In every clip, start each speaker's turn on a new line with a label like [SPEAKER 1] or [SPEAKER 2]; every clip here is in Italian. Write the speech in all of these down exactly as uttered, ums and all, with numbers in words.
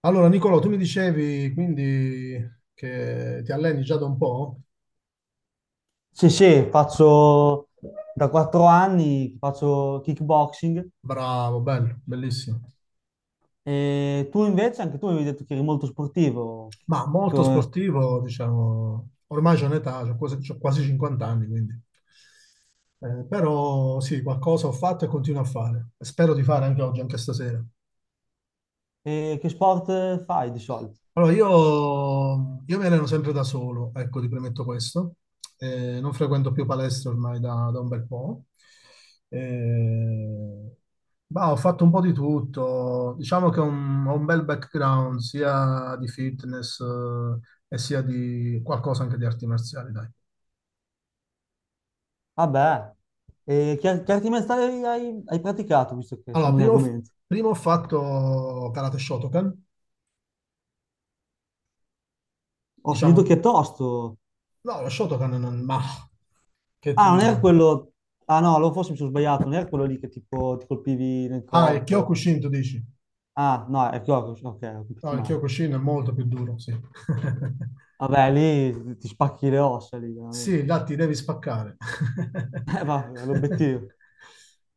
[SPEAKER 1] Allora, Nicolò, tu mi dicevi quindi che ti alleni già da un po'?
[SPEAKER 2] Sì, sì, faccio da quattro anni, faccio kickboxing.
[SPEAKER 1] Bravo, bello, bellissimo.
[SPEAKER 2] E tu invece, anche tu mi hai detto che eri molto sportivo.
[SPEAKER 1] Ma molto
[SPEAKER 2] Co-
[SPEAKER 1] sportivo, diciamo, ormai c'ho un'età, c'ho quasi, c'ho quasi cinquanta anni, quindi. Eh, però sì, qualcosa ho fatto e continuo a fare. Spero di fare anche oggi, anche stasera.
[SPEAKER 2] E che sport fai di solito?
[SPEAKER 1] Allora, io, io mi alleno sempre da solo, ecco, ti premetto questo. Eh, non frequento più palestre ormai da, da un bel po'. Eh, ma ho fatto un po' di tutto. Diciamo che ho un, ho un bel background sia di fitness, eh, e sia di qualcosa anche di arti marziali, dai.
[SPEAKER 2] Vabbè, e che, che arti marziali hai, hai praticato, visto che
[SPEAKER 1] Allora,
[SPEAKER 2] siamo in
[SPEAKER 1] prima, ho f-
[SPEAKER 2] argomento?
[SPEAKER 1] prima ho fatto karate Shotokan.
[SPEAKER 2] Ho sentito che è
[SPEAKER 1] Diciamo,
[SPEAKER 2] tosto.
[SPEAKER 1] no, lo Shotokan non. Ma, che ti
[SPEAKER 2] Ah, non era
[SPEAKER 1] dico?
[SPEAKER 2] quello. Ah no, allora forse mi sono sbagliato, non era quello lì che tipo ti colpivi nel
[SPEAKER 1] Ah, il
[SPEAKER 2] corpo.
[SPEAKER 1] Kyokushin, tu dici?
[SPEAKER 2] Ah, no, è il corpo, ok, ho
[SPEAKER 1] No,
[SPEAKER 2] capito
[SPEAKER 1] il
[SPEAKER 2] male.
[SPEAKER 1] Kyokushin è molto più duro, sì.
[SPEAKER 2] Vabbè, lì ti spacchi le ossa, lì,
[SPEAKER 1] Sì,
[SPEAKER 2] veramente.
[SPEAKER 1] là ti devi spaccare.
[SPEAKER 2] Eh, vabbè, l'obiettivo.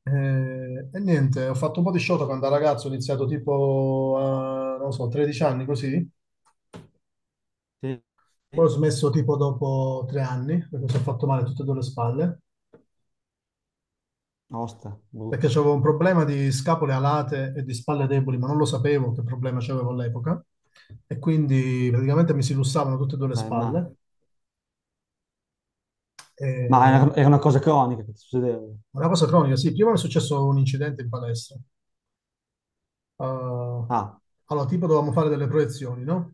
[SPEAKER 1] Eh, e niente, ho fatto un po' di Shotokan da ragazzo, ho iniziato tipo, a, non lo so, tredici anni così,
[SPEAKER 2] Sì.
[SPEAKER 1] poi ho
[SPEAKER 2] Sì.
[SPEAKER 1] smesso tipo dopo tre anni, perché mi sono fatto male tutte e due le spalle,
[SPEAKER 2] Osta,
[SPEAKER 1] perché
[SPEAKER 2] brutto.
[SPEAKER 1] avevo un problema di scapole alate e di spalle deboli, ma non lo sapevo che problema c'avevo all'epoca, e quindi praticamente mi si lussavano tutte e due le
[SPEAKER 2] Beh, ma,
[SPEAKER 1] spalle, e.
[SPEAKER 2] ma era, era una cosa cronica che ti succedeva.
[SPEAKER 1] Una cosa cronica, sì. Prima mi è successo un incidente in palestra. Uh,
[SPEAKER 2] Ah,
[SPEAKER 1] allora, tipo dovevamo fare delle proiezioni, no?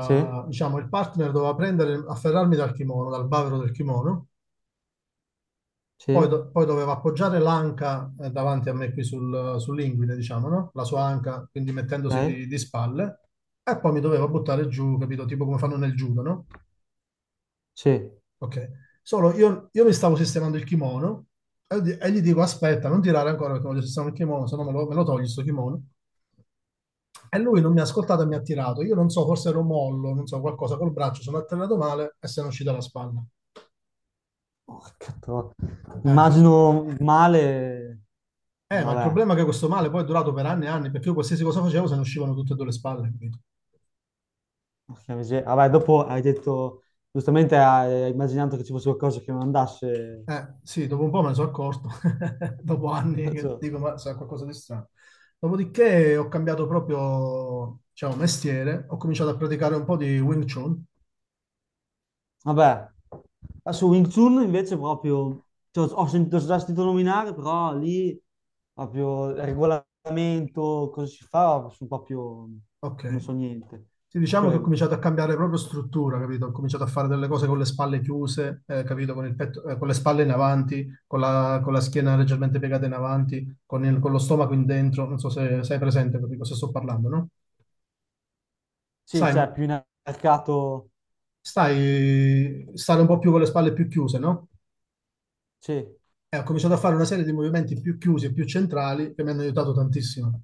[SPEAKER 2] sì?
[SPEAKER 1] diciamo, il partner doveva prendere, afferrarmi dal kimono, dal bavero del kimono, poi,
[SPEAKER 2] Sì?
[SPEAKER 1] do- poi doveva appoggiare l'anca eh, davanti a me qui sul, sull'inguine, diciamo, no? La sua anca, quindi mettendosi
[SPEAKER 2] Ok?
[SPEAKER 1] di, di spalle, e poi mi doveva buttare giù, capito? Tipo come fanno nel judo, no?
[SPEAKER 2] Sì.
[SPEAKER 1] Ok. Solo io, io mi stavo sistemando il kimono e, di- e gli dico, aspetta, non tirare ancora perché voglio sistemare il kimono, se no me lo, me lo togli sto kimono. E lui non mi ha ascoltato e mi ha tirato. Io non so, forse ero mollo, non so, qualcosa col braccio, sono atterrato male e se ne è uscita la spalla.
[SPEAKER 2] Porca tro-
[SPEAKER 1] Eh.
[SPEAKER 2] Immagino male.
[SPEAKER 1] Eh, ma il
[SPEAKER 2] Vabbè.
[SPEAKER 1] problema è che questo male poi è durato per anni e anni, perché io qualsiasi cosa facevo se ne uscivano tutte e due le spalle, capito?
[SPEAKER 2] Porca miseria. Vabbè, dopo hai detto, giustamente hai hai immaginato che ci fosse qualcosa che non andasse.
[SPEAKER 1] Eh, sì, dopo un po' me ne sono accorto, dopo anni che
[SPEAKER 2] Cioè.
[SPEAKER 1] dico, ma sarà qualcosa di strano. Dopodiché ho cambiato proprio, diciamo, mestiere, ho cominciato a praticare un po' di Wing Chun.
[SPEAKER 2] Vabbè. Eh, su Wing Chun invece proprio, cioè, ho sentito ho già sentito nominare, però lì proprio il regolamento, cosa si fa, sono proprio, non
[SPEAKER 1] Ok.
[SPEAKER 2] so niente
[SPEAKER 1] Sì,
[SPEAKER 2] su
[SPEAKER 1] diciamo che ho
[SPEAKER 2] quello.
[SPEAKER 1] cominciato a cambiare proprio struttura, capito? Ho cominciato a fare delle cose con le spalle chiuse, eh, capito? Con il petto- eh, con le spalle in avanti, con la, con la
[SPEAKER 2] Sì.
[SPEAKER 1] schiena leggermente piegata in avanti, con, il- con lo stomaco in dentro. Non so se sei presente di cosa sto parlando, no?
[SPEAKER 2] Sì,
[SPEAKER 1] Sai,
[SPEAKER 2] c'è più in mercato,
[SPEAKER 1] stai, stare un po' più con le spalle più chiuse, no?
[SPEAKER 2] sì.
[SPEAKER 1] E ho cominciato a fare una serie di movimenti più chiusi e più centrali che mi hanno aiutato tantissimo.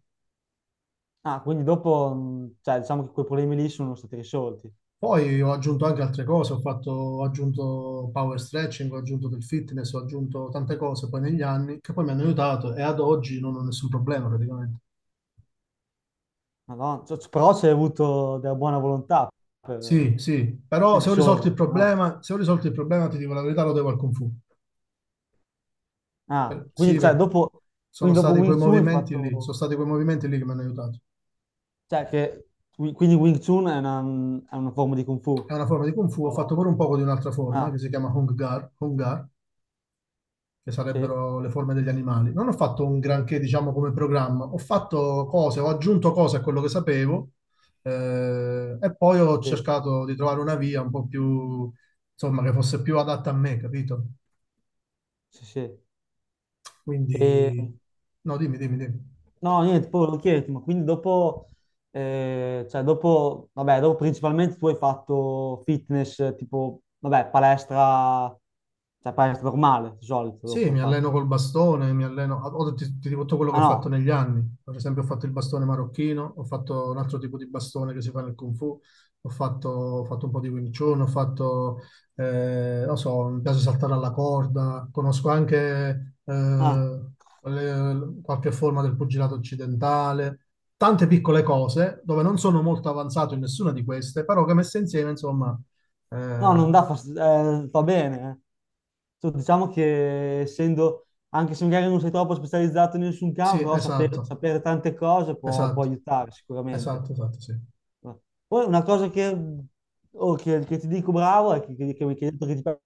[SPEAKER 2] Ah, quindi dopo, mh, cioè, diciamo che quei problemi lì sono stati risolti.
[SPEAKER 1] Poi ho aggiunto anche altre cose, ho fatto, ho aggiunto power stretching, ho aggiunto del fitness, ho aggiunto tante cose poi negli anni che poi mi hanno aiutato e ad oggi non ho nessun problema praticamente.
[SPEAKER 2] Madonna, cioè, però c'è avuto della buona volontà per
[SPEAKER 1] Sì, sì, però se ho risolto il
[SPEAKER 2] risolverli, no?
[SPEAKER 1] problema, se ho risolto il problema ti dico la verità, lo devo al Kung Fu.
[SPEAKER 2] Ah,
[SPEAKER 1] Per- sì,
[SPEAKER 2] quindi, cioè,
[SPEAKER 1] perché
[SPEAKER 2] dopo,
[SPEAKER 1] sono
[SPEAKER 2] quindi dopo
[SPEAKER 1] stati quei
[SPEAKER 2] Wing Chun hai
[SPEAKER 1] movimenti lì,
[SPEAKER 2] fatto.
[SPEAKER 1] sono stati quei movimenti lì che mi hanno aiutato.
[SPEAKER 2] Cioè, che, quindi Wing Chun è una, è una forma di Kung Fu.
[SPEAKER 1] È una forma di Kung Fu, ho fatto
[SPEAKER 2] Oh.
[SPEAKER 1] pure un poco di un'altra forma
[SPEAKER 2] Ah,
[SPEAKER 1] che si chiama Hung Gar, che
[SPEAKER 2] sì,
[SPEAKER 1] sarebbero le forme degli animali. Non ho fatto un granché, diciamo, come programma, ho fatto cose, ho aggiunto cose a quello che sapevo eh, e poi ho
[SPEAKER 2] sì,
[SPEAKER 1] cercato di trovare una via un po' più, insomma, che fosse più adatta a me, capito?
[SPEAKER 2] sì, sì. E,
[SPEAKER 1] Quindi, no, dimmi, dimmi, dimmi.
[SPEAKER 2] no, niente, poi volevo chiederti, ma quindi dopo, eh, cioè dopo, vabbè, dopo principalmente tu hai fatto fitness, eh, tipo, vabbè, palestra, cioè palestra normale, di solito
[SPEAKER 1] Sì,
[SPEAKER 2] dopo
[SPEAKER 1] mi
[SPEAKER 2] hai
[SPEAKER 1] alleno
[SPEAKER 2] fatto.
[SPEAKER 1] col bastone, mi alleno, ho, ti, ti dico tutto quello che ho
[SPEAKER 2] Ah
[SPEAKER 1] fatto
[SPEAKER 2] no,
[SPEAKER 1] negli anni. Per esempio, ho fatto il bastone marocchino, ho fatto un altro tipo di bastone che si fa nel Kung Fu, ho fatto, ho fatto un po' di Wing Chun, ho fatto, eh, non so, mi piace saltare alla corda, conosco anche
[SPEAKER 2] ah.
[SPEAKER 1] eh, le- qualche forma del pugilato occidentale, tante piccole cose dove non sono molto avanzato in nessuna di queste, però che messe insieme, insomma,
[SPEAKER 2] No, non
[SPEAKER 1] eh,
[SPEAKER 2] dà fastidio, eh, va bene. eh. Cioè, diciamo che essendo, anche se magari non sei troppo specializzato in nessun
[SPEAKER 1] sì,
[SPEAKER 2] campo, però saper-
[SPEAKER 1] esatto.
[SPEAKER 2] sapere, tante cose può, può
[SPEAKER 1] Esatto,
[SPEAKER 2] aiutare sicuramente.
[SPEAKER 1] esatto, esatto, sì.
[SPEAKER 2] Poi una cosa che, oh, che- che ti dico bravo è che, che, che mi hai detto che ti piace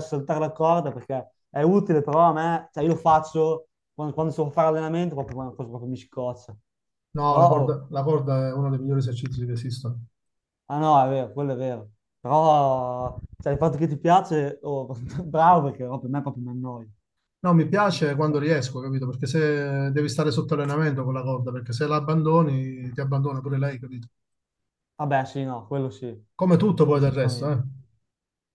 [SPEAKER 2] saltare la corda perché è utile, però a me, cioè io lo faccio quando, quando so fare allenamento, proprio, proprio mi scoccia.
[SPEAKER 1] No, la
[SPEAKER 2] Però, oh.
[SPEAKER 1] corda, la corda è uno dei migliori esercizi che esistono.
[SPEAKER 2] Ah no, è vero, quello è vero. Però, cioè, il fatto che ti piace, oh, bravo, perché no, per me proprio mi annoia.
[SPEAKER 1] No, mi
[SPEAKER 2] Non
[SPEAKER 1] piace
[SPEAKER 2] ci sta.
[SPEAKER 1] quando riesco, capito? Perché se devi stare sotto allenamento con la corda, perché se la abbandoni, ti abbandona pure lei, capito?
[SPEAKER 2] Vabbè, sì, no, quello sì,
[SPEAKER 1] Come tutto poi
[SPEAKER 2] quello
[SPEAKER 1] del resto, eh?
[SPEAKER 2] sicuramente.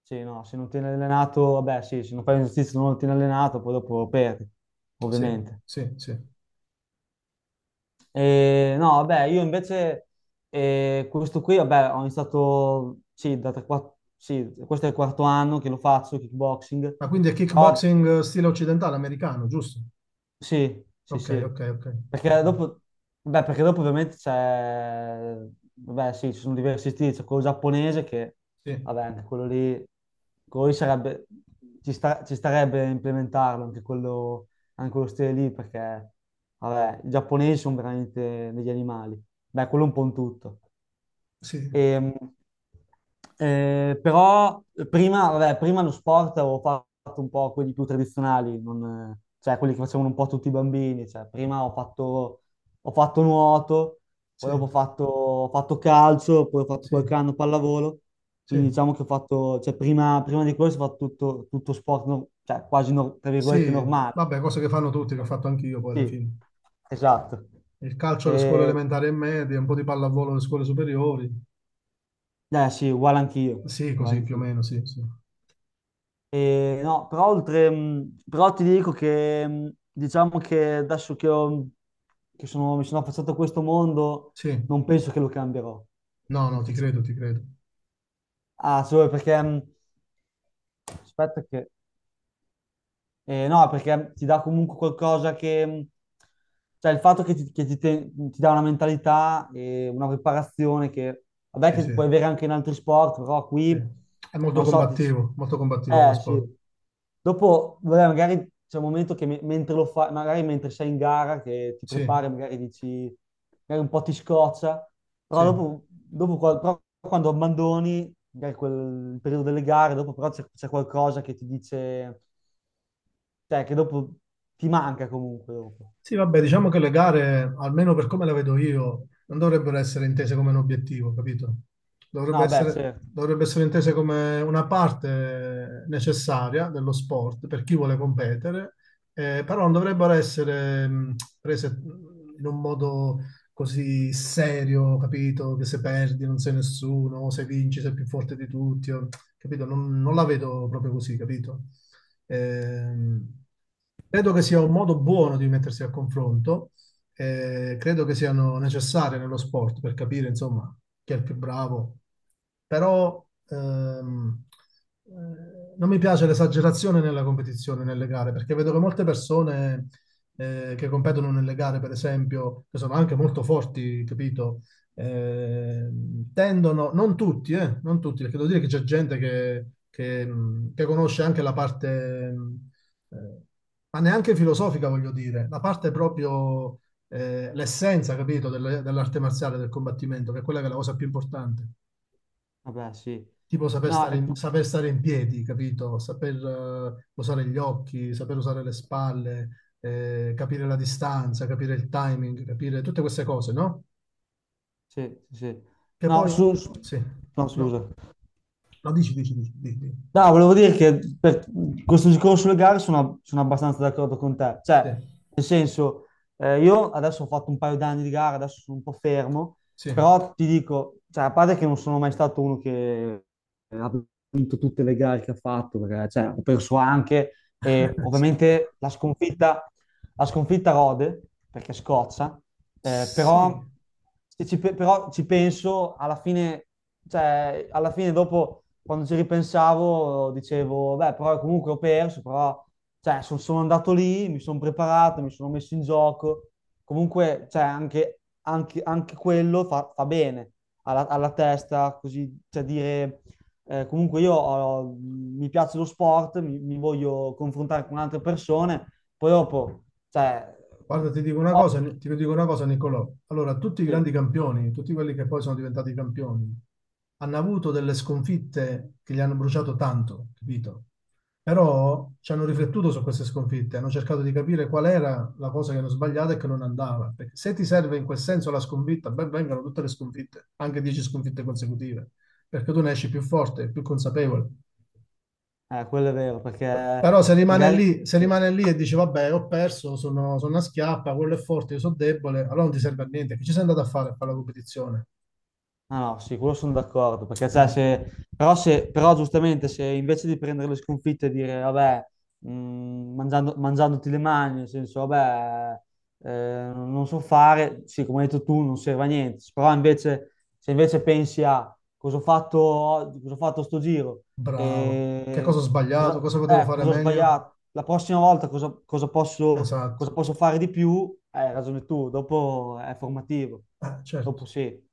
[SPEAKER 2] Sì, no, se non tieni allenato, vabbè, sì, se non fai un esercizio non lo tieni allenato, poi dopo perdi,
[SPEAKER 1] Sì,
[SPEAKER 2] ovviamente.
[SPEAKER 1] sì, sì.
[SPEAKER 2] E, no, vabbè, io invece, eh, questo qui, vabbè, ho iniziato, sì, da tre, quatt- sì, questo è il quarto anno che lo faccio, kickboxing,
[SPEAKER 1] Ma quindi è
[SPEAKER 2] però
[SPEAKER 1] kickboxing stile occidentale, americano, giusto?
[SPEAKER 2] Sì, sì,
[SPEAKER 1] Ok,
[SPEAKER 2] sì.
[SPEAKER 1] ok, ok,
[SPEAKER 2] Perché
[SPEAKER 1] ok.
[SPEAKER 2] dopo, beh, perché dopo ovviamente c'è, vabbè, sì, ci sono diversi stili, c'è quello giapponese che,
[SPEAKER 1] Sì,
[SPEAKER 2] vabbè, anche quello lì, quello lì sarebbe, ci sta- ci starebbe a implementarlo, anche quello, anche quello stile lì, perché, vabbè, i giapponesi sono veramente degli animali. Beh, quello è un po' in tutto.
[SPEAKER 1] sì,
[SPEAKER 2] E, eh, però prima, vabbè, prima lo sport avevo fatto un po' quelli più tradizionali, non, eh, cioè quelli che facevano un po' tutti i bambini. Cioè, prima ho fatto, ho fatto nuoto, poi
[SPEAKER 1] sì,
[SPEAKER 2] dopo ho fatto, ho fatto calcio, poi ho fatto
[SPEAKER 1] sì,
[SPEAKER 2] qualche anno pallavolo.
[SPEAKER 1] sì.
[SPEAKER 2] Quindi diciamo che ho fatto, cioè prima, prima di questo ho fatto tutto, tutto sport, no- cioè quasi, no- tra virgolette,
[SPEAKER 1] Sì,
[SPEAKER 2] normale.
[SPEAKER 1] vabbè, cose che fanno tutti, che ho fatto anch'io poi alla
[SPEAKER 2] Sì,
[SPEAKER 1] fine.
[SPEAKER 2] esatto.
[SPEAKER 1] Il calcio alle scuole
[SPEAKER 2] E,
[SPEAKER 1] elementari e medie, un po' di pallavolo alle scuole superiori.
[SPEAKER 2] eh sì, uguale anch'io.
[SPEAKER 1] Sì,
[SPEAKER 2] uguale
[SPEAKER 1] così più o
[SPEAKER 2] anch'io.
[SPEAKER 1] meno, sì, sì.
[SPEAKER 2] E no, però oltre, mh, però ti dico che mh, diciamo che adesso che, ho- che sono- mi sono affacciato a questo mondo,
[SPEAKER 1] Sì.
[SPEAKER 2] non penso che lo cambierò.
[SPEAKER 1] No, no, ti
[SPEAKER 2] Difficile.
[SPEAKER 1] credo, ti credo.
[SPEAKER 2] Ah, solo perché mh, aspetta che eh, no, perché ti dà comunque qualcosa che. mm, Cioè il fatto che ti, che ti te- ti dà una mentalità e una preparazione che. Vabbè
[SPEAKER 1] Sì,
[SPEAKER 2] che
[SPEAKER 1] sì,
[SPEAKER 2] puoi avere anche in altri sport, però
[SPEAKER 1] sì.
[SPEAKER 2] qui,
[SPEAKER 1] È molto
[SPEAKER 2] non so, ti,
[SPEAKER 1] combattivo, molto combattivo come
[SPEAKER 2] eh
[SPEAKER 1] sport.
[SPEAKER 2] sì. Dopo, vabbè, magari c'è un momento che me- mentre lo fai, magari mentre sei in gara, che ti
[SPEAKER 1] Sì,
[SPEAKER 2] prepari, magari dici, magari un po' ti scoccia, però
[SPEAKER 1] sì.
[SPEAKER 2] dopo, dopo qua- però quando abbandoni, magari quel il periodo delle gare, dopo però c'è c'è qualcosa che ti dice. Cioè, che dopo ti manca comunque dopo.
[SPEAKER 1] Sì, vabbè, diciamo che le gare, almeno per come la vedo io, non dovrebbero essere intese come un obiettivo, capito? Dovrebbe
[SPEAKER 2] No, beh,
[SPEAKER 1] essere,
[SPEAKER 2] certo.
[SPEAKER 1] dovrebbe essere intese come una parte necessaria dello sport per chi vuole competere, eh, però non dovrebbero essere mh, prese mh, in un modo così serio, capito? Che se perdi non sei nessuno, o se vinci sei più forte di tutti, o- capito? Non, non la vedo proprio così, capito? Ehm, credo che sia un modo buono di mettersi al confronto, eh, credo che siano necessarie nello sport per capire, insomma, chi è il più bravo, però ehm, eh, non mi piace l'esagerazione nella competizione, nelle gare, perché vedo che molte persone eh, che competono nelle gare, per esempio, che sono anche molto forti, capito? ehm, tendono, non tutti, eh, non tutti, perché devo dire che c'è gente che, che, mh, che conosce anche la parte, mh, eh, ma neanche filosofica, voglio dire, la parte proprio, eh, l'essenza, capito, delle- dell'arte marziale, del combattimento, che è quella che è la cosa più importante.
[SPEAKER 2] Vabbè, sì.
[SPEAKER 1] Tipo saper
[SPEAKER 2] No,
[SPEAKER 1] stare
[SPEAKER 2] è
[SPEAKER 1] in,
[SPEAKER 2] più.
[SPEAKER 1] saper stare in piedi, capito? Saper eh, usare gli occhi, saper usare le spalle, eh, capire la distanza, capire il timing, capire tutte queste cose, no?
[SPEAKER 2] Sì, sì, sì.
[SPEAKER 1] Che
[SPEAKER 2] No,
[SPEAKER 1] poi,
[SPEAKER 2] su... su-
[SPEAKER 1] sì,
[SPEAKER 2] No,
[SPEAKER 1] no.
[SPEAKER 2] scusa.
[SPEAKER 1] No, dici, dici, dici, dici, dici.
[SPEAKER 2] No, volevo dire che per questo discorso sulle gare sono, sono abbastanza d'accordo con te.
[SPEAKER 1] Sì,
[SPEAKER 2] Cioè, nel senso, eh, io adesso ho fatto un paio d'anni di gara, adesso sono un po' fermo,
[SPEAKER 1] sì,
[SPEAKER 2] però ti dico, cioè, a parte che non sono mai stato uno che ha vinto tutte le gare che ha fatto, perché cioè, ho perso anche, e
[SPEAKER 1] sì.
[SPEAKER 2] ovviamente la sconfitta. Ha sconfitta Rode perché scoccia, eh, però,
[SPEAKER 1] Sì.
[SPEAKER 2] se ci, pe- però ci penso alla fine, cioè, alla fine dopo quando ci ripensavo dicevo, beh, però comunque ho perso, però cioè, son- sono andato lì, mi sono preparato, mi sono messo in gioco, comunque cioè, anche, anche- anche quello fa, fa bene alla, alla testa, così, cioè dire, eh, comunque io ho- mi piace lo sport, mi, mi voglio confrontare con altre persone poi dopo, cioè,
[SPEAKER 1] Guarda, ti dico una cosa,
[SPEAKER 2] ovvio, che-
[SPEAKER 1] ti dico una cosa, Nicolò. Allora, tutti i grandi
[SPEAKER 2] Sì.
[SPEAKER 1] campioni, tutti quelli che poi sono diventati campioni, hanno avuto delle sconfitte che gli hanno bruciato tanto, capito? Però ci hanno riflettuto su queste sconfitte, hanno cercato di capire qual era la cosa che hanno sbagliato e che non andava. Perché se ti serve in quel senso la sconfitta, ben vengano tutte le sconfitte, anche dieci sconfitte consecutive, perché tu ne esci più forte, più consapevole.
[SPEAKER 2] eh, quello è vero,
[SPEAKER 1] Però
[SPEAKER 2] perché
[SPEAKER 1] se rimane
[SPEAKER 2] magari.
[SPEAKER 1] lì, se
[SPEAKER 2] Sì.
[SPEAKER 1] rimane lì e dici vabbè, ho perso, sono, sono una schiappa, quello è forte, io sono debole, allora non ti serve a niente. Che ci sei andato a fare a fare la competizione?
[SPEAKER 2] Ah no, sì, quello sono d'accordo, perché cioè,
[SPEAKER 1] Eh,
[SPEAKER 2] se. Però, se. Però giustamente se invece di prendere le sconfitte e dire, vabbè, mh, mangiando- mangiandoti le mani, nel senso, vabbè, eh, non so fare, sì, come hai detto tu, non serve a niente, però invece, se invece pensi a cosa ho fatto oggi, cosa ho fatto sto giro,
[SPEAKER 1] bravo. Che
[SPEAKER 2] e
[SPEAKER 1] cosa ho sbagliato?
[SPEAKER 2] cosa,
[SPEAKER 1] Cosa potevo
[SPEAKER 2] eh,
[SPEAKER 1] fare
[SPEAKER 2] cosa ho
[SPEAKER 1] meglio?
[SPEAKER 2] sbagliato, la prossima volta cosa, cosa posso,
[SPEAKER 1] Esatto.
[SPEAKER 2] cosa posso fare di più, Eh, hai ragione tu, dopo è formativo,
[SPEAKER 1] Eh,
[SPEAKER 2] dopo
[SPEAKER 1] certo.
[SPEAKER 2] sì.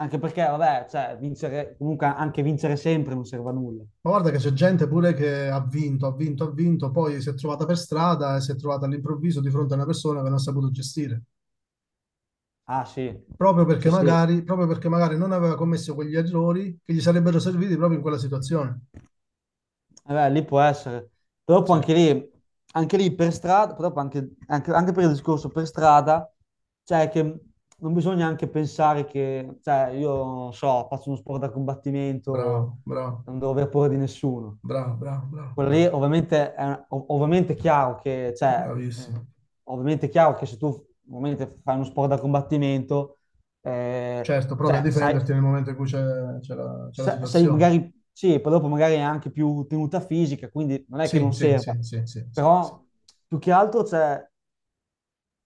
[SPEAKER 2] Anche perché, vabbè, cioè, vincere, comunque anche vincere sempre non serve a nulla.
[SPEAKER 1] Ma guarda che c'è gente pure che ha vinto, ha vinto, ha vinto, poi si è trovata per strada e si è trovata all'improvviso di fronte a una persona che non ha saputo gestire.
[SPEAKER 2] Ah sì,
[SPEAKER 1] Proprio
[SPEAKER 2] sì,
[SPEAKER 1] perché
[SPEAKER 2] sì.
[SPEAKER 1] magari, proprio perché magari non aveva commesso quegli errori che gli sarebbero serviti proprio in quella situazione.
[SPEAKER 2] Eh beh, lì può essere. Però
[SPEAKER 1] Sì,
[SPEAKER 2] poi anche lì, anche lì per strada, proprio anche, anche- anche per il discorso per strada, cioè che non bisogna anche pensare che, cioè io non so, faccio uno sport da combattimento,
[SPEAKER 1] bravo, bravo.
[SPEAKER 2] non devo aver paura di nessuno.
[SPEAKER 1] Bravo, bravo, bravo,
[SPEAKER 2] Quello lì
[SPEAKER 1] bravo,
[SPEAKER 2] ovviamente è, ov- ovviamente è chiaro che, cioè, mh,
[SPEAKER 1] bravissimo.
[SPEAKER 2] ovviamente è chiaro che se tu ovviamente fai uno sport da combattimento, eh,
[SPEAKER 1] Certo, provi a
[SPEAKER 2] cioè, sai,
[SPEAKER 1] difenderti nel momento in cui c'è c'è la, c'è la
[SPEAKER 2] sa- sei
[SPEAKER 1] situazione.
[SPEAKER 2] magari, sì, poi dopo magari è anche più tenuta fisica, quindi non è che
[SPEAKER 1] Sì,
[SPEAKER 2] non
[SPEAKER 1] sì, sì,
[SPEAKER 2] serva,
[SPEAKER 1] sì, sì, sì,
[SPEAKER 2] però più che altro c'è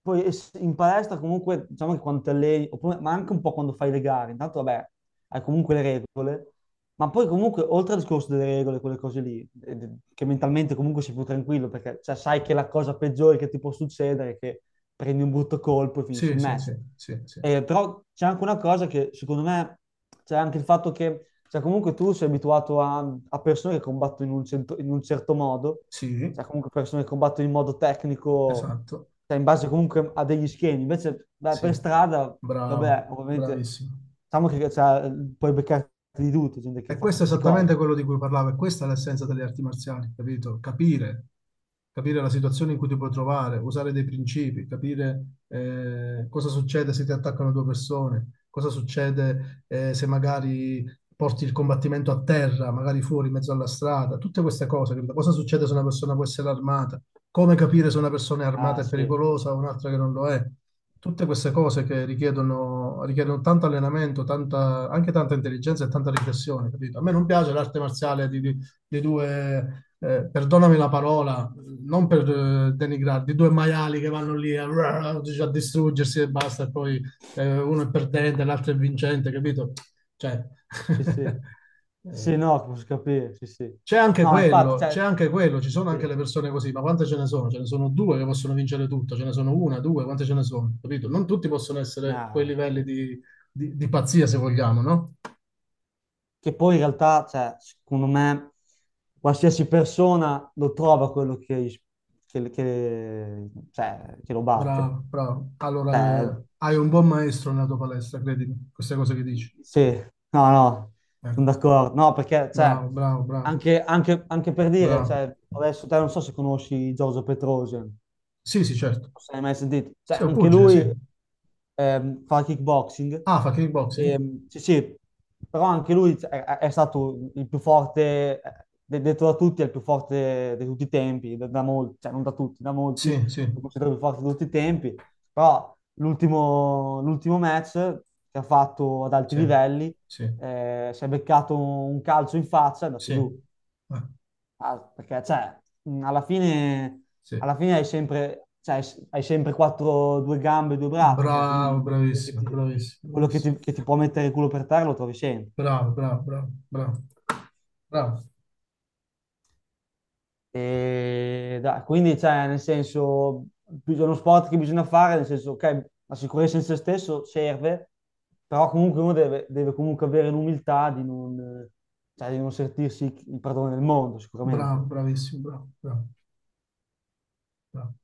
[SPEAKER 2] poi es- in palestra comunque, diciamo che quando ti alleni, oppure- ma anche un po' quando fai le gare, intanto vabbè, hai comunque le regole, ma poi comunque oltre al discorso delle regole, quelle cose lì, eh, che mentalmente comunque sei più tranquillo, perché cioè, sai che la cosa peggiore che ti può succedere è che prendi un brutto colpo e finisci
[SPEAKER 1] sì,
[SPEAKER 2] il
[SPEAKER 1] sì,
[SPEAKER 2] match.
[SPEAKER 1] sì, sì, sì, sì,
[SPEAKER 2] Eh, però c'è anche una cosa che secondo me c'è anche il fatto che cioè, comunque tu sei abituato a, a persone che combattono in un, cento- in un certo modo,
[SPEAKER 1] sì,
[SPEAKER 2] cioè comunque persone che combattono in modo tecnico
[SPEAKER 1] esatto,
[SPEAKER 2] cioè in base comunque a degli schemi. Invece beh,
[SPEAKER 1] sì,
[SPEAKER 2] per strada,
[SPEAKER 1] bravo,
[SPEAKER 2] vabbè, ovviamente,
[SPEAKER 1] bravissimo.
[SPEAKER 2] diciamo che cioè, puoi beccarti di tutto, gente che
[SPEAKER 1] E
[SPEAKER 2] fa
[SPEAKER 1] questo è
[SPEAKER 2] qualsiasi cosa.
[SPEAKER 1] esattamente quello di cui parlavo, e questa è l'essenza delle arti marziali, capito? Capire, capire la situazione in cui ti puoi trovare, usare dei principi, capire eh, cosa succede se ti attaccano due persone, cosa succede eh, se magari porti il combattimento a terra, magari fuori, in mezzo alla strada, tutte queste cose, capito? Cosa succede se una persona può essere armata, come capire se una persona è armata
[SPEAKER 2] Ah,
[SPEAKER 1] e
[SPEAKER 2] sì,
[SPEAKER 1] pericolosa o un'altra che non lo è, tutte queste cose che richiedono, richiedono tanto allenamento, tanta, anche tanta intelligenza e tanta riflessione, capito? A me non piace l'arte marziale di, di- di due, eh, perdonami la parola, non per eh, denigrare, di due maiali che vanno lì a, a distruggersi e basta, e poi eh, uno è perdente, l'altro è vincente, capito? Cioè,
[SPEAKER 2] sì, sì. Sì, sì,
[SPEAKER 1] eh,
[SPEAKER 2] no, posso capire, sì, sì.
[SPEAKER 1] c'è anche
[SPEAKER 2] No, infatti,
[SPEAKER 1] quello, c'è
[SPEAKER 2] cioè,
[SPEAKER 1] anche quello, ci sono anche
[SPEAKER 2] sì.
[SPEAKER 1] le persone così, ma quante ce ne sono? Ce ne sono due che possono vincere tutto, ce ne sono una, due, quante ce ne sono? Capito? Non tutti possono essere quei
[SPEAKER 2] No,
[SPEAKER 1] livelli
[SPEAKER 2] sì.
[SPEAKER 1] di, di- di pazzia, se vogliamo, no?
[SPEAKER 2] Che poi in realtà, cioè, secondo me, qualsiasi persona lo trova quello che, che- che- cioè, che lo batte.
[SPEAKER 1] Bravo, bravo. Allora,
[SPEAKER 2] Cioè.
[SPEAKER 1] eh, hai un buon maestro nella tua palestra, credimi, queste cose che dici.
[SPEAKER 2] Sì, no, no, sono
[SPEAKER 1] Ecco.
[SPEAKER 2] d'accordo. No, perché, cioè,
[SPEAKER 1] Bravo, bravo, bravo,
[SPEAKER 2] anche, anche- anche per dire,
[SPEAKER 1] bravo.
[SPEAKER 2] cioè, adesso te non so se conosci Giorgio Petrosian, non
[SPEAKER 1] Sì, sì, certo.
[SPEAKER 2] so se l'hai mai sentito. Cioè,
[SPEAKER 1] Sì, è un
[SPEAKER 2] anche
[SPEAKER 1] pugile, sì.
[SPEAKER 2] lui ehm, fa kickboxing.
[SPEAKER 1] Ah, fa kickboxing?
[SPEAKER 2] Ehm, sì, sì, però anche lui è, è è stato il più forte, eh, de- detto da tutti, è il più forte di tutti i tempi, da, da molti, cioè non da tutti, da molti,
[SPEAKER 1] Sì, sì,
[SPEAKER 2] lo considero il più forte di tutti i tempi, però l'ultimo l'ultimo match che ha fatto ad alti
[SPEAKER 1] sì,
[SPEAKER 2] livelli,
[SPEAKER 1] sì,
[SPEAKER 2] eh, si è beccato un calcio in faccia, è andato
[SPEAKER 1] sì.
[SPEAKER 2] giù.
[SPEAKER 1] Eh,
[SPEAKER 2] Ah, perché, cioè, mh, alla fine,
[SPEAKER 1] sì.
[SPEAKER 2] alla fine hai sempre, cioè, hai hai sempre quattro, due gambe e due braccia, cioè,
[SPEAKER 1] Bravo,
[SPEAKER 2] quindi quello che
[SPEAKER 1] bravissimo,
[SPEAKER 2] ti,
[SPEAKER 1] bravissimo,
[SPEAKER 2] quello che
[SPEAKER 1] bravissimo.
[SPEAKER 2] ti- che ti può mettere il culo per terra lo trovi sempre.
[SPEAKER 1] Bravo, bravo, bravo, bravo, bravo,
[SPEAKER 2] E da- quindi, cioè, nel senso, bis- è uno sport che bisogna fare, nel senso, ok, la sicurezza in se stesso serve, però comunque uno deve, deve comunque avere l'umiltà di non, eh, cioè, di non sentirsi il padrone del mondo,
[SPEAKER 1] bravo,
[SPEAKER 2] sicuramente.
[SPEAKER 1] bravissimo, bravo, bravo, bravo.